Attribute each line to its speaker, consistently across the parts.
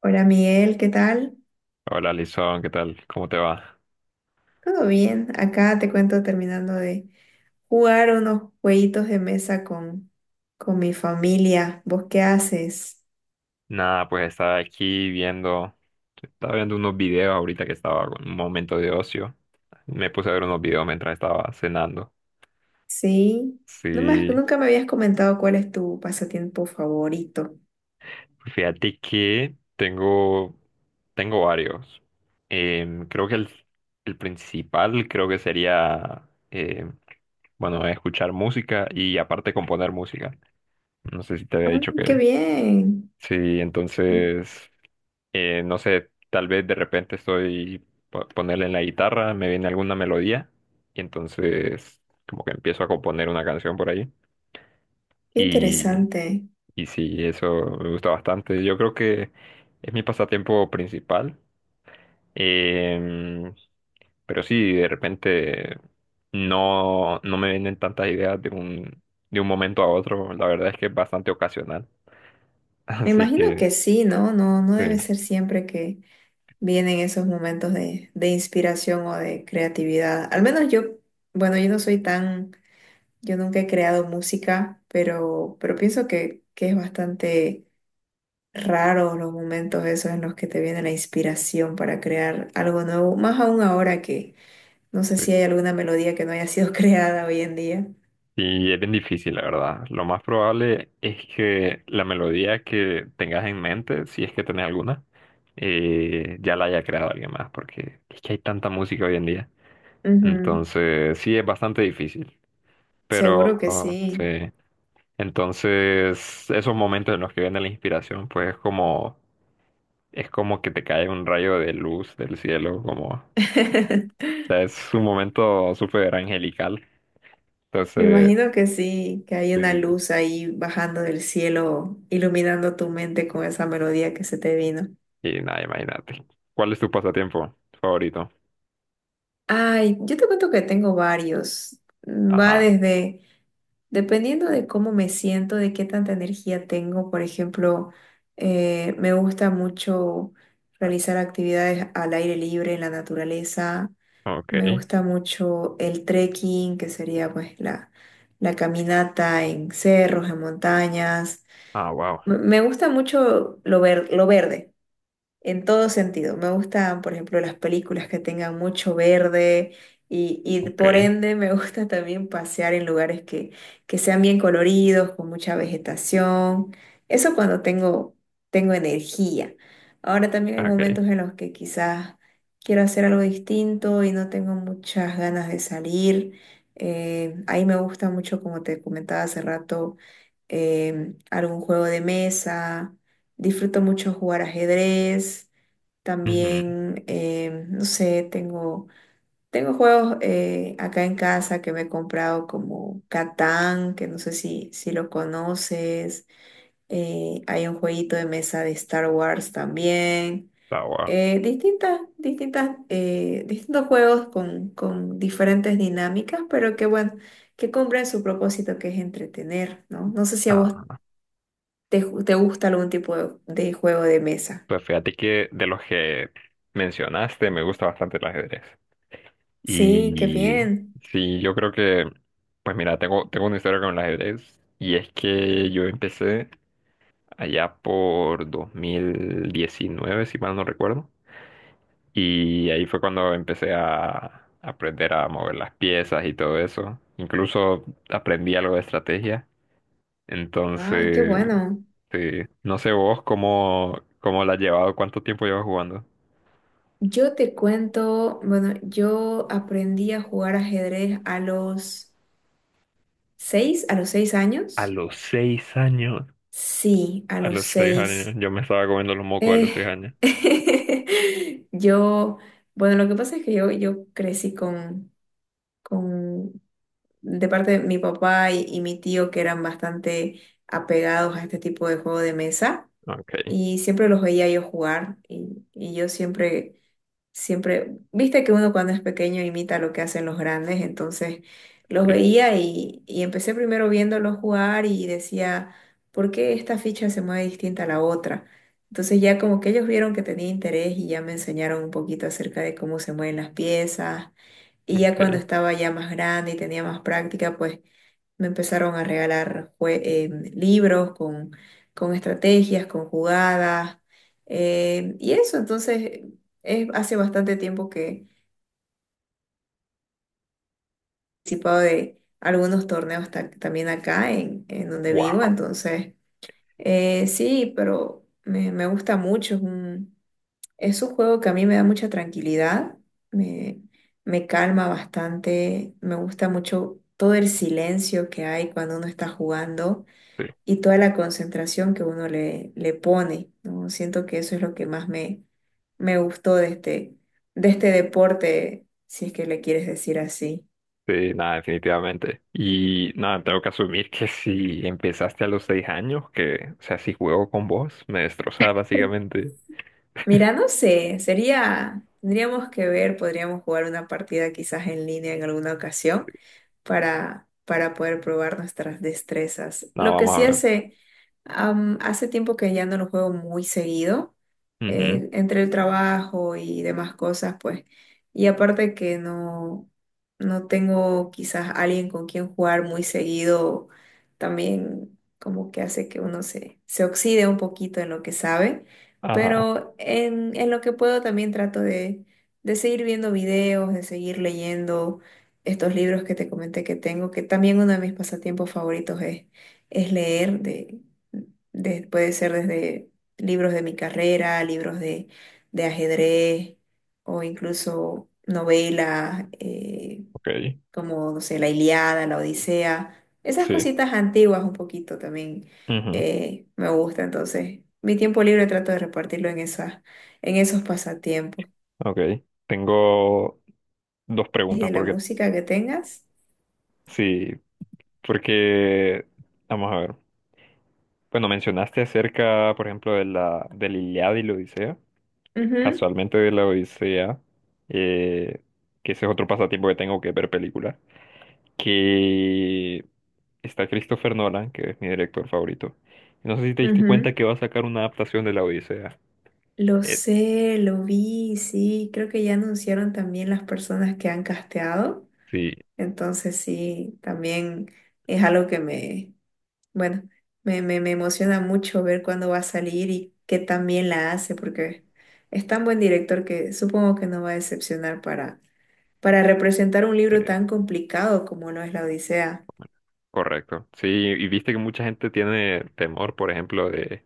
Speaker 1: Hola Miguel, ¿qué tal?
Speaker 2: Hola, Lizón, ¿qué tal? ¿Cómo te va?
Speaker 1: ¿Todo bien? Acá te cuento terminando de jugar unos jueguitos de mesa con mi familia. ¿Vos qué haces?
Speaker 2: Nada, pues estaba viendo unos videos ahorita que estaba en un momento de ocio. Me puse a ver unos videos mientras estaba cenando.
Speaker 1: Sí,
Speaker 2: Sí,
Speaker 1: nunca me habías comentado cuál es tu pasatiempo favorito.
Speaker 2: fíjate que tengo varios. Creo que el principal creo que sería, bueno, escuchar música y aparte componer música. No sé si te había dicho
Speaker 1: ¡Ay, qué
Speaker 2: que...
Speaker 1: bien!
Speaker 2: Sí,
Speaker 1: Qué
Speaker 2: entonces... no sé, tal vez de repente estoy ponerle en la guitarra, me viene alguna melodía y entonces como que empiezo a componer una canción por ahí. Y,
Speaker 1: interesante.
Speaker 2: y sí, eso me gusta bastante. Yo creo que es mi pasatiempo principal. Em, pero sí, de repente no me vienen tantas ideas de un momento a otro. La verdad es que es bastante ocasional.
Speaker 1: Me
Speaker 2: Así
Speaker 1: imagino
Speaker 2: que
Speaker 1: que sí, ¿no? No
Speaker 2: sí.
Speaker 1: debe ser siempre que vienen esos momentos de inspiración o de creatividad. Al menos yo, bueno, yo no soy tan. Yo nunca he creado música, pero pienso que es bastante raro los momentos esos en los que te viene la inspiración para crear algo nuevo, más aún ahora que no sé
Speaker 2: Sí.
Speaker 1: si hay alguna melodía que no haya sido creada hoy en día.
Speaker 2: Y es bien difícil, la verdad. Lo más probable es que la melodía que tengas en mente, si es que tenés alguna, ya la haya creado alguien más, porque es que hay tanta música hoy en día.
Speaker 1: Ujú.
Speaker 2: Entonces, sí, es bastante difícil. Pero,
Speaker 1: Seguro que
Speaker 2: oh, sí.
Speaker 1: sí.
Speaker 2: Entonces, esos momentos en los que viene la inspiración, pues es como que te cae un rayo de luz del cielo, como, o sea, es un momento súper angelical.
Speaker 1: Me
Speaker 2: Entonces,
Speaker 1: imagino que sí, que hay una
Speaker 2: sí.
Speaker 1: luz ahí bajando del cielo, iluminando tu mente con esa melodía que se te vino.
Speaker 2: Y nada, imagínate. ¿Cuál es tu pasatiempo favorito?
Speaker 1: Ay, yo te cuento que tengo varios. Va
Speaker 2: Ajá,
Speaker 1: desde... Dependiendo de cómo me siento, de qué tanta energía tengo, por ejemplo, me gusta mucho realizar actividades al aire libre, en la naturaleza. Me
Speaker 2: ok.
Speaker 1: gusta mucho el trekking, que sería pues la caminata en cerros, en montañas.
Speaker 2: Ah, wow,
Speaker 1: Me gusta mucho lo verde en todo sentido. Me gustan, por ejemplo, las películas que tengan mucho verde y por
Speaker 2: ok,
Speaker 1: ende me gusta también pasear en lugares que sean bien coloridos, con mucha vegetación. Eso cuando tengo energía. Ahora también hay
Speaker 2: ok.
Speaker 1: momentos en los que quizás quiero hacer algo distinto y no tengo muchas ganas de salir. Ahí me gusta mucho, como te comentaba hace rato, algún juego de mesa. Disfruto mucho jugar ajedrez.
Speaker 2: Ujú,
Speaker 1: También, no sé, tengo, tengo juegos acá en casa que me he comprado como Catán, que no sé si lo conoces. Hay un jueguito de mesa de Star Wars también.
Speaker 2: ah, wow.
Speaker 1: Distintos juegos con diferentes dinámicas, pero que bueno, que cumplen su propósito que es entretener, ¿no? No sé si a vos.
Speaker 2: Ah,
Speaker 1: Te gusta algún tipo de juego de mesa?
Speaker 2: pues fíjate que de los que mencionaste me gusta bastante el ajedrez.
Speaker 1: Sí, qué
Speaker 2: Y
Speaker 1: bien.
Speaker 2: sí, yo creo que, pues mira, tengo una historia con el ajedrez. Y es que yo empecé allá por 2019 si mal no recuerdo. Y ahí fue cuando empecé a aprender a mover las piezas y todo eso. Incluso aprendí algo de estrategia.
Speaker 1: Ay, qué
Speaker 2: Entonces,
Speaker 1: bueno.
Speaker 2: sí. No sé vos cómo la has llevado, cuánto tiempo llevas jugando.
Speaker 1: Yo te cuento, bueno, yo aprendí a jugar ajedrez a los a los seis
Speaker 2: A
Speaker 1: años.
Speaker 2: los seis años.
Speaker 1: Sí, a
Speaker 2: A
Speaker 1: los
Speaker 2: los seis años.
Speaker 1: seis.
Speaker 2: Yo me estaba comiendo los mocos a los
Speaker 1: Eh,
Speaker 2: 6 años.
Speaker 1: yo, bueno, lo que pasa es que yo crecí con, de parte de mi papá y mi tío que eran bastante apegados a este tipo de juego de mesa.
Speaker 2: Okay,
Speaker 1: Y siempre los veía yo jugar y siempre, viste que uno cuando es pequeño imita lo que hacen los grandes, entonces los
Speaker 2: sí,
Speaker 1: veía y empecé primero viéndolos jugar y decía, ¿por qué esta ficha se mueve distinta a la otra? Entonces ya como que ellos vieron que tenía interés y ya me enseñaron un poquito acerca de cómo se mueven las piezas. Y ya cuando
Speaker 2: okay.
Speaker 1: estaba ya más grande y tenía más práctica, pues me empezaron a regalar libros con estrategias, con jugadas, y eso, entonces, es, hace bastante tiempo que he participado de algunos torneos también acá en donde vivo,
Speaker 2: Wow.
Speaker 1: entonces, sí, pero me gusta mucho, es un juego que a mí me da mucha tranquilidad, me, me calma bastante, me gusta mucho todo el silencio que hay cuando uno está jugando
Speaker 2: Sí,
Speaker 1: y toda la concentración que uno le pone, ¿no? Siento que eso es lo que más me gustó de este deporte, si es que le quieres decir así.
Speaker 2: sí, nada, definitivamente. Y nada, tengo que asumir que si empezaste a los 6 años, que, o sea, si juego con vos, me destrozaba básicamente.
Speaker 1: Mira, no sé, sería, tendríamos que ver, podríamos jugar una partida quizás en línea en alguna ocasión. Para para poder probar nuestras destrezas.
Speaker 2: No,
Speaker 1: Lo que
Speaker 2: vamos a
Speaker 1: sí
Speaker 2: ver.
Speaker 1: hace, hace tiempo que ya no lo juego muy seguido,
Speaker 2: Ujú,
Speaker 1: entre el trabajo y demás cosas, pues, y aparte que no tengo quizás alguien con quien jugar muy seguido, también como que hace que uno se oxide un poquito en lo que sabe,
Speaker 2: ajá,
Speaker 1: pero en lo que puedo también trato de seguir viendo videos, de seguir leyendo estos libros que te comenté que tengo, que también uno de mis pasatiempos favoritos es leer, puede ser desde libros de mi carrera, libros de ajedrez o incluso novelas
Speaker 2: ok.
Speaker 1: como, no sé, La Ilíada, La Odisea, esas
Speaker 2: Sí,
Speaker 1: cositas antiguas un poquito también.
Speaker 2: ujú.
Speaker 1: Me gusta, entonces mi tiempo libre trato de repartirlo en esas, en esos pasatiempos.
Speaker 2: Ok. Tengo dos
Speaker 1: ¿Y
Speaker 2: preguntas
Speaker 1: de la
Speaker 2: porque,
Speaker 1: música que tengas?
Speaker 2: sí, porque, vamos a ver. Bueno, mencionaste acerca, por ejemplo, del Iliada y la Odisea.
Speaker 1: Ujú,
Speaker 2: Casualmente de la Odisea, eh, que ese es otro pasatiempo que tengo que es ver películas. Que está Christopher Nolan, que es mi director favorito. No sé si te diste cuenta
Speaker 1: ujú.
Speaker 2: que va a sacar una adaptación de la Odisea.
Speaker 1: Lo
Speaker 2: Eh,
Speaker 1: sé, lo vi, sí, creo que ya anunciaron también las personas que han casteado,
Speaker 2: sí.
Speaker 1: entonces sí, también es algo que me, bueno, me emociona mucho ver cuándo va a salir y qué también la hace, porque es tan buen director que supongo que no va a decepcionar para representar un libro
Speaker 2: Sí.
Speaker 1: tan complicado como lo es la Odisea.
Speaker 2: Correcto. Sí, y viste que mucha gente tiene temor, por ejemplo, de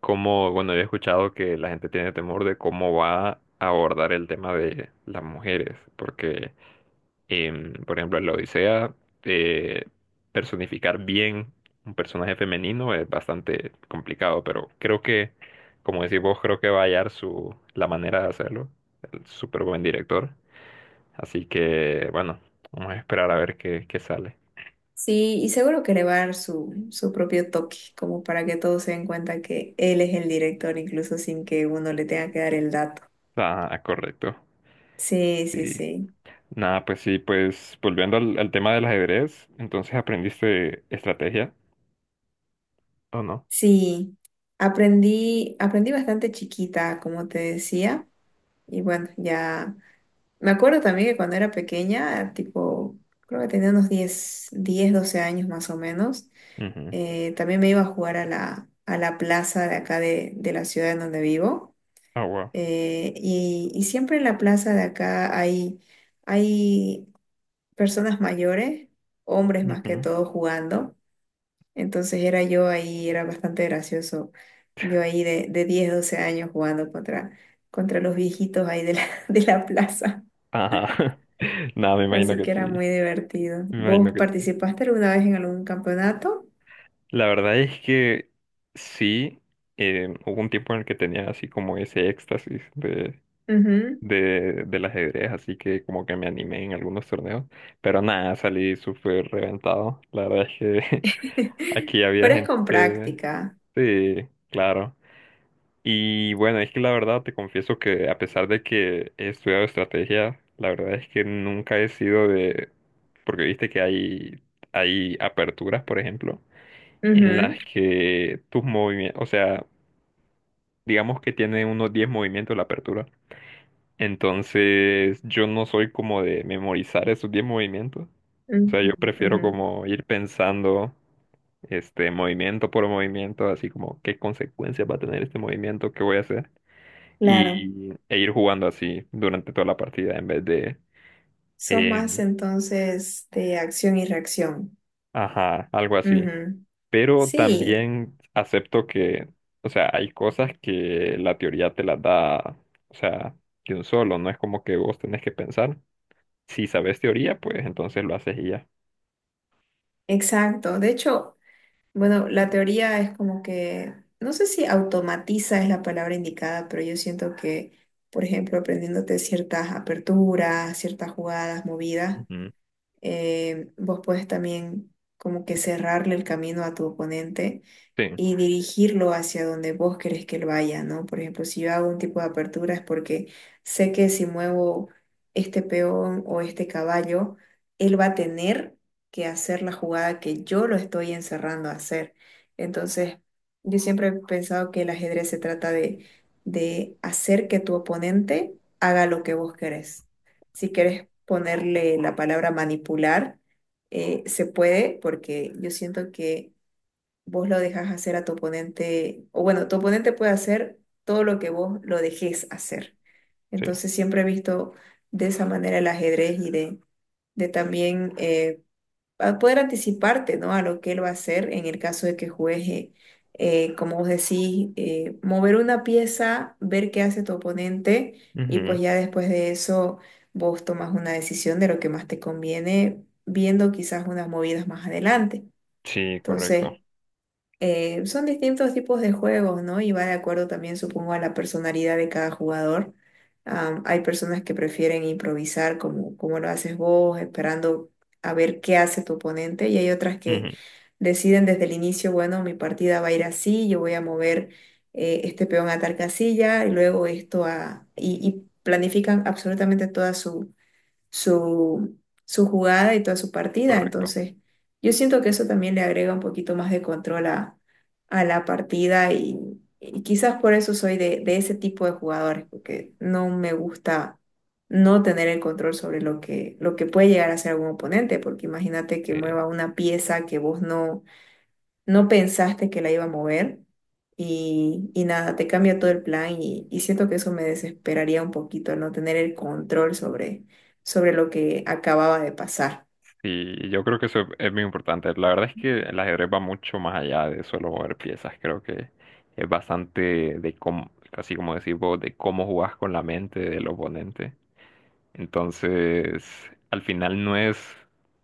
Speaker 2: cómo, bueno, yo he escuchado que la gente tiene temor de cómo va a abordar el tema de las mujeres, porque, por ejemplo, en la Odisea, eh, personificar bien un personaje femenino es bastante complicado, pero creo que, como decís vos, creo que va a hallar la manera de hacerlo, el súper buen director. Así que, bueno, vamos a esperar a ver qué sale.
Speaker 1: Sí, y seguro que le va a dar su propio toque, como para que todos se den cuenta que él es el director, incluso sin que uno le tenga que dar el dato.
Speaker 2: Ah, correcto.
Speaker 1: Sí, sí,
Speaker 2: Sí.
Speaker 1: sí.
Speaker 2: Nada, pues sí, pues volviendo al tema del ajedrez, entonces aprendiste estrategia, ¿o no?
Speaker 1: Sí, aprendí bastante chiquita, como te decía, y bueno, ya me acuerdo también que cuando era pequeña, tipo, creo que tenía unos 10, 12 años más o menos,
Speaker 2: Ujú.
Speaker 1: también me iba a jugar a a la plaza de acá de la ciudad en donde vivo.
Speaker 2: Ah, wow.
Speaker 1: Y siempre en la plaza de acá hay personas mayores, hombres más que
Speaker 2: Ujú.
Speaker 1: todo jugando. Entonces era yo ahí, era bastante gracioso. Yo ahí de 10 12 años jugando contra los viejitos ahí de la, de la plaza.
Speaker 2: Ajá. Nada, me imagino
Speaker 1: Así
Speaker 2: que
Speaker 1: que era
Speaker 2: sí.
Speaker 1: muy divertido.
Speaker 2: Me imagino
Speaker 1: ¿Vos
Speaker 2: que sí.
Speaker 1: participaste alguna vez en algún campeonato?
Speaker 2: La verdad es que sí, hubo un tiempo en el que tenía así como ese éxtasis
Speaker 1: Ujú.
Speaker 2: del ajedrez, así que como que me animé en algunos torneos, pero nada, salí súper reventado. La verdad es que Aquí había
Speaker 1: Pero es con
Speaker 2: gente.
Speaker 1: práctica.
Speaker 2: Sí, claro. Y bueno, es que la verdad te confieso que a pesar de que he estudiado estrategia, la verdad es que nunca he sido de... Porque viste que hay aperturas, por ejemplo, en las
Speaker 1: Ujú,
Speaker 2: que tus movimientos, o sea, digamos que tiene unos 10 movimientos la apertura. Entonces, yo no soy como de memorizar esos 10 movimientos. O sea,
Speaker 1: ujú,
Speaker 2: yo prefiero
Speaker 1: ujú.
Speaker 2: como ir pensando, este, movimiento por movimiento, así como qué consecuencias va a tener este movimiento, qué voy a hacer.
Speaker 1: Claro.
Speaker 2: E ir jugando así durante toda la partida en vez de,
Speaker 1: Sos
Speaker 2: eh,
Speaker 1: más entonces de acción y reacción.
Speaker 2: ajá, algo así.
Speaker 1: Ujú.
Speaker 2: Pero
Speaker 1: Sí,
Speaker 2: también acepto que, o sea, hay cosas que la teoría te las da, o sea, de un solo, no es como que vos tenés que pensar. Si sabes teoría, pues entonces lo haces y ya.
Speaker 1: exacto. De hecho, bueno, la teoría es como que, no sé si automatiza es la palabra indicada, pero yo siento que, por ejemplo, aprendiéndote ciertas aperturas, ciertas jugadas, movidas.
Speaker 2: Ujú,
Speaker 1: Vos puedes también como que cerrarle el camino a tu oponente
Speaker 2: sí,
Speaker 1: y dirigirlo hacia donde vos querés que él vaya, ¿no? Por ejemplo, si yo hago un tipo de apertura es porque sé que si muevo este peón o este caballo, él va a tener que hacer la jugada que yo lo estoy encerrando a hacer. Entonces, yo siempre he pensado que el ajedrez se trata de hacer que tu oponente haga lo que vos querés si quieres ponerle la palabra manipular, se puede porque yo siento que vos lo dejas hacer a tu oponente, o bueno, tu oponente puede hacer todo lo que vos lo dejes hacer.
Speaker 2: sí.
Speaker 1: Entonces siempre he visto de esa manera el ajedrez y de también a poder anticiparte, ¿no? A lo que él va a hacer en el caso de que juegue, como vos decís, mover una pieza, ver qué hace tu oponente y pues
Speaker 2: Ujú,
Speaker 1: ya después de eso vos tomas una decisión de lo que más te conviene, viendo quizás unas movidas más adelante.
Speaker 2: sí, correcto.
Speaker 1: Entonces, son distintos tipos de juegos, ¿no? Y va de acuerdo también, supongo, a la personalidad de cada jugador. Hay personas que prefieren improvisar como, como lo haces vos, esperando a ver qué hace tu oponente, y hay otras que
Speaker 2: Ujú,
Speaker 1: deciden desde el inicio, bueno, mi partida va a ir así, yo voy a mover este peón a tal casilla, y luego esto a... y planifican absolutamente toda su, su jugada y toda su partida.
Speaker 2: correcto.
Speaker 1: Entonces, yo siento que eso también le agrega un poquito más de control a la partida y quizás por eso soy de ese tipo de jugadores, porque no me gusta no tener el control sobre lo que puede llegar a ser algún oponente, porque imagínate que
Speaker 2: Sí,
Speaker 1: mueva una pieza que vos no pensaste que la iba a mover y nada, te cambia todo el plan y siento que eso me desesperaría un poquito, el no tener el control sobre lo que acababa de pasar.
Speaker 2: sí, yo creo que eso es muy importante. La verdad es que el ajedrez va mucho más allá de solo mover piezas. Creo que es bastante de cómo, casi como decir vos, de cómo jugás con la mente del oponente. Entonces, al final no es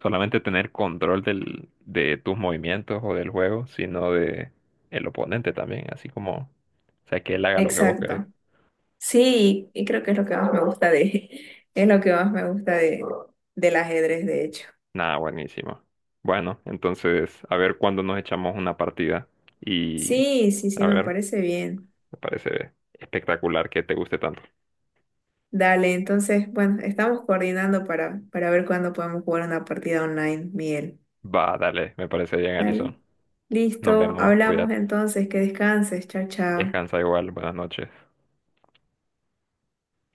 Speaker 2: solamente tener control de tus movimientos o del juego, sino de el oponente también, así como, o sea, que él haga lo que vos querés.
Speaker 1: Exacto. Sí, y creo que es lo que más me gusta de, es lo que más me gusta de, del ajedrez, de hecho.
Speaker 2: Nada, buenísimo. Bueno, entonces, a ver cuándo nos echamos una partida y,
Speaker 1: Sí, sí, sí,
Speaker 2: a
Speaker 1: me
Speaker 2: ver,
Speaker 1: parece bien.
Speaker 2: me parece espectacular que te guste tanto.
Speaker 1: Dale, entonces, bueno, estamos coordinando para para ver cuándo podemos jugar una partida online, Miguel.
Speaker 2: Va, dale, me parece bien,
Speaker 1: Dale.
Speaker 2: Alison. Nos
Speaker 1: Listo,
Speaker 2: vemos,
Speaker 1: hablamos
Speaker 2: cuídate.
Speaker 1: entonces, que descanses, chao, chao.
Speaker 2: Descansa igual, buenas noches.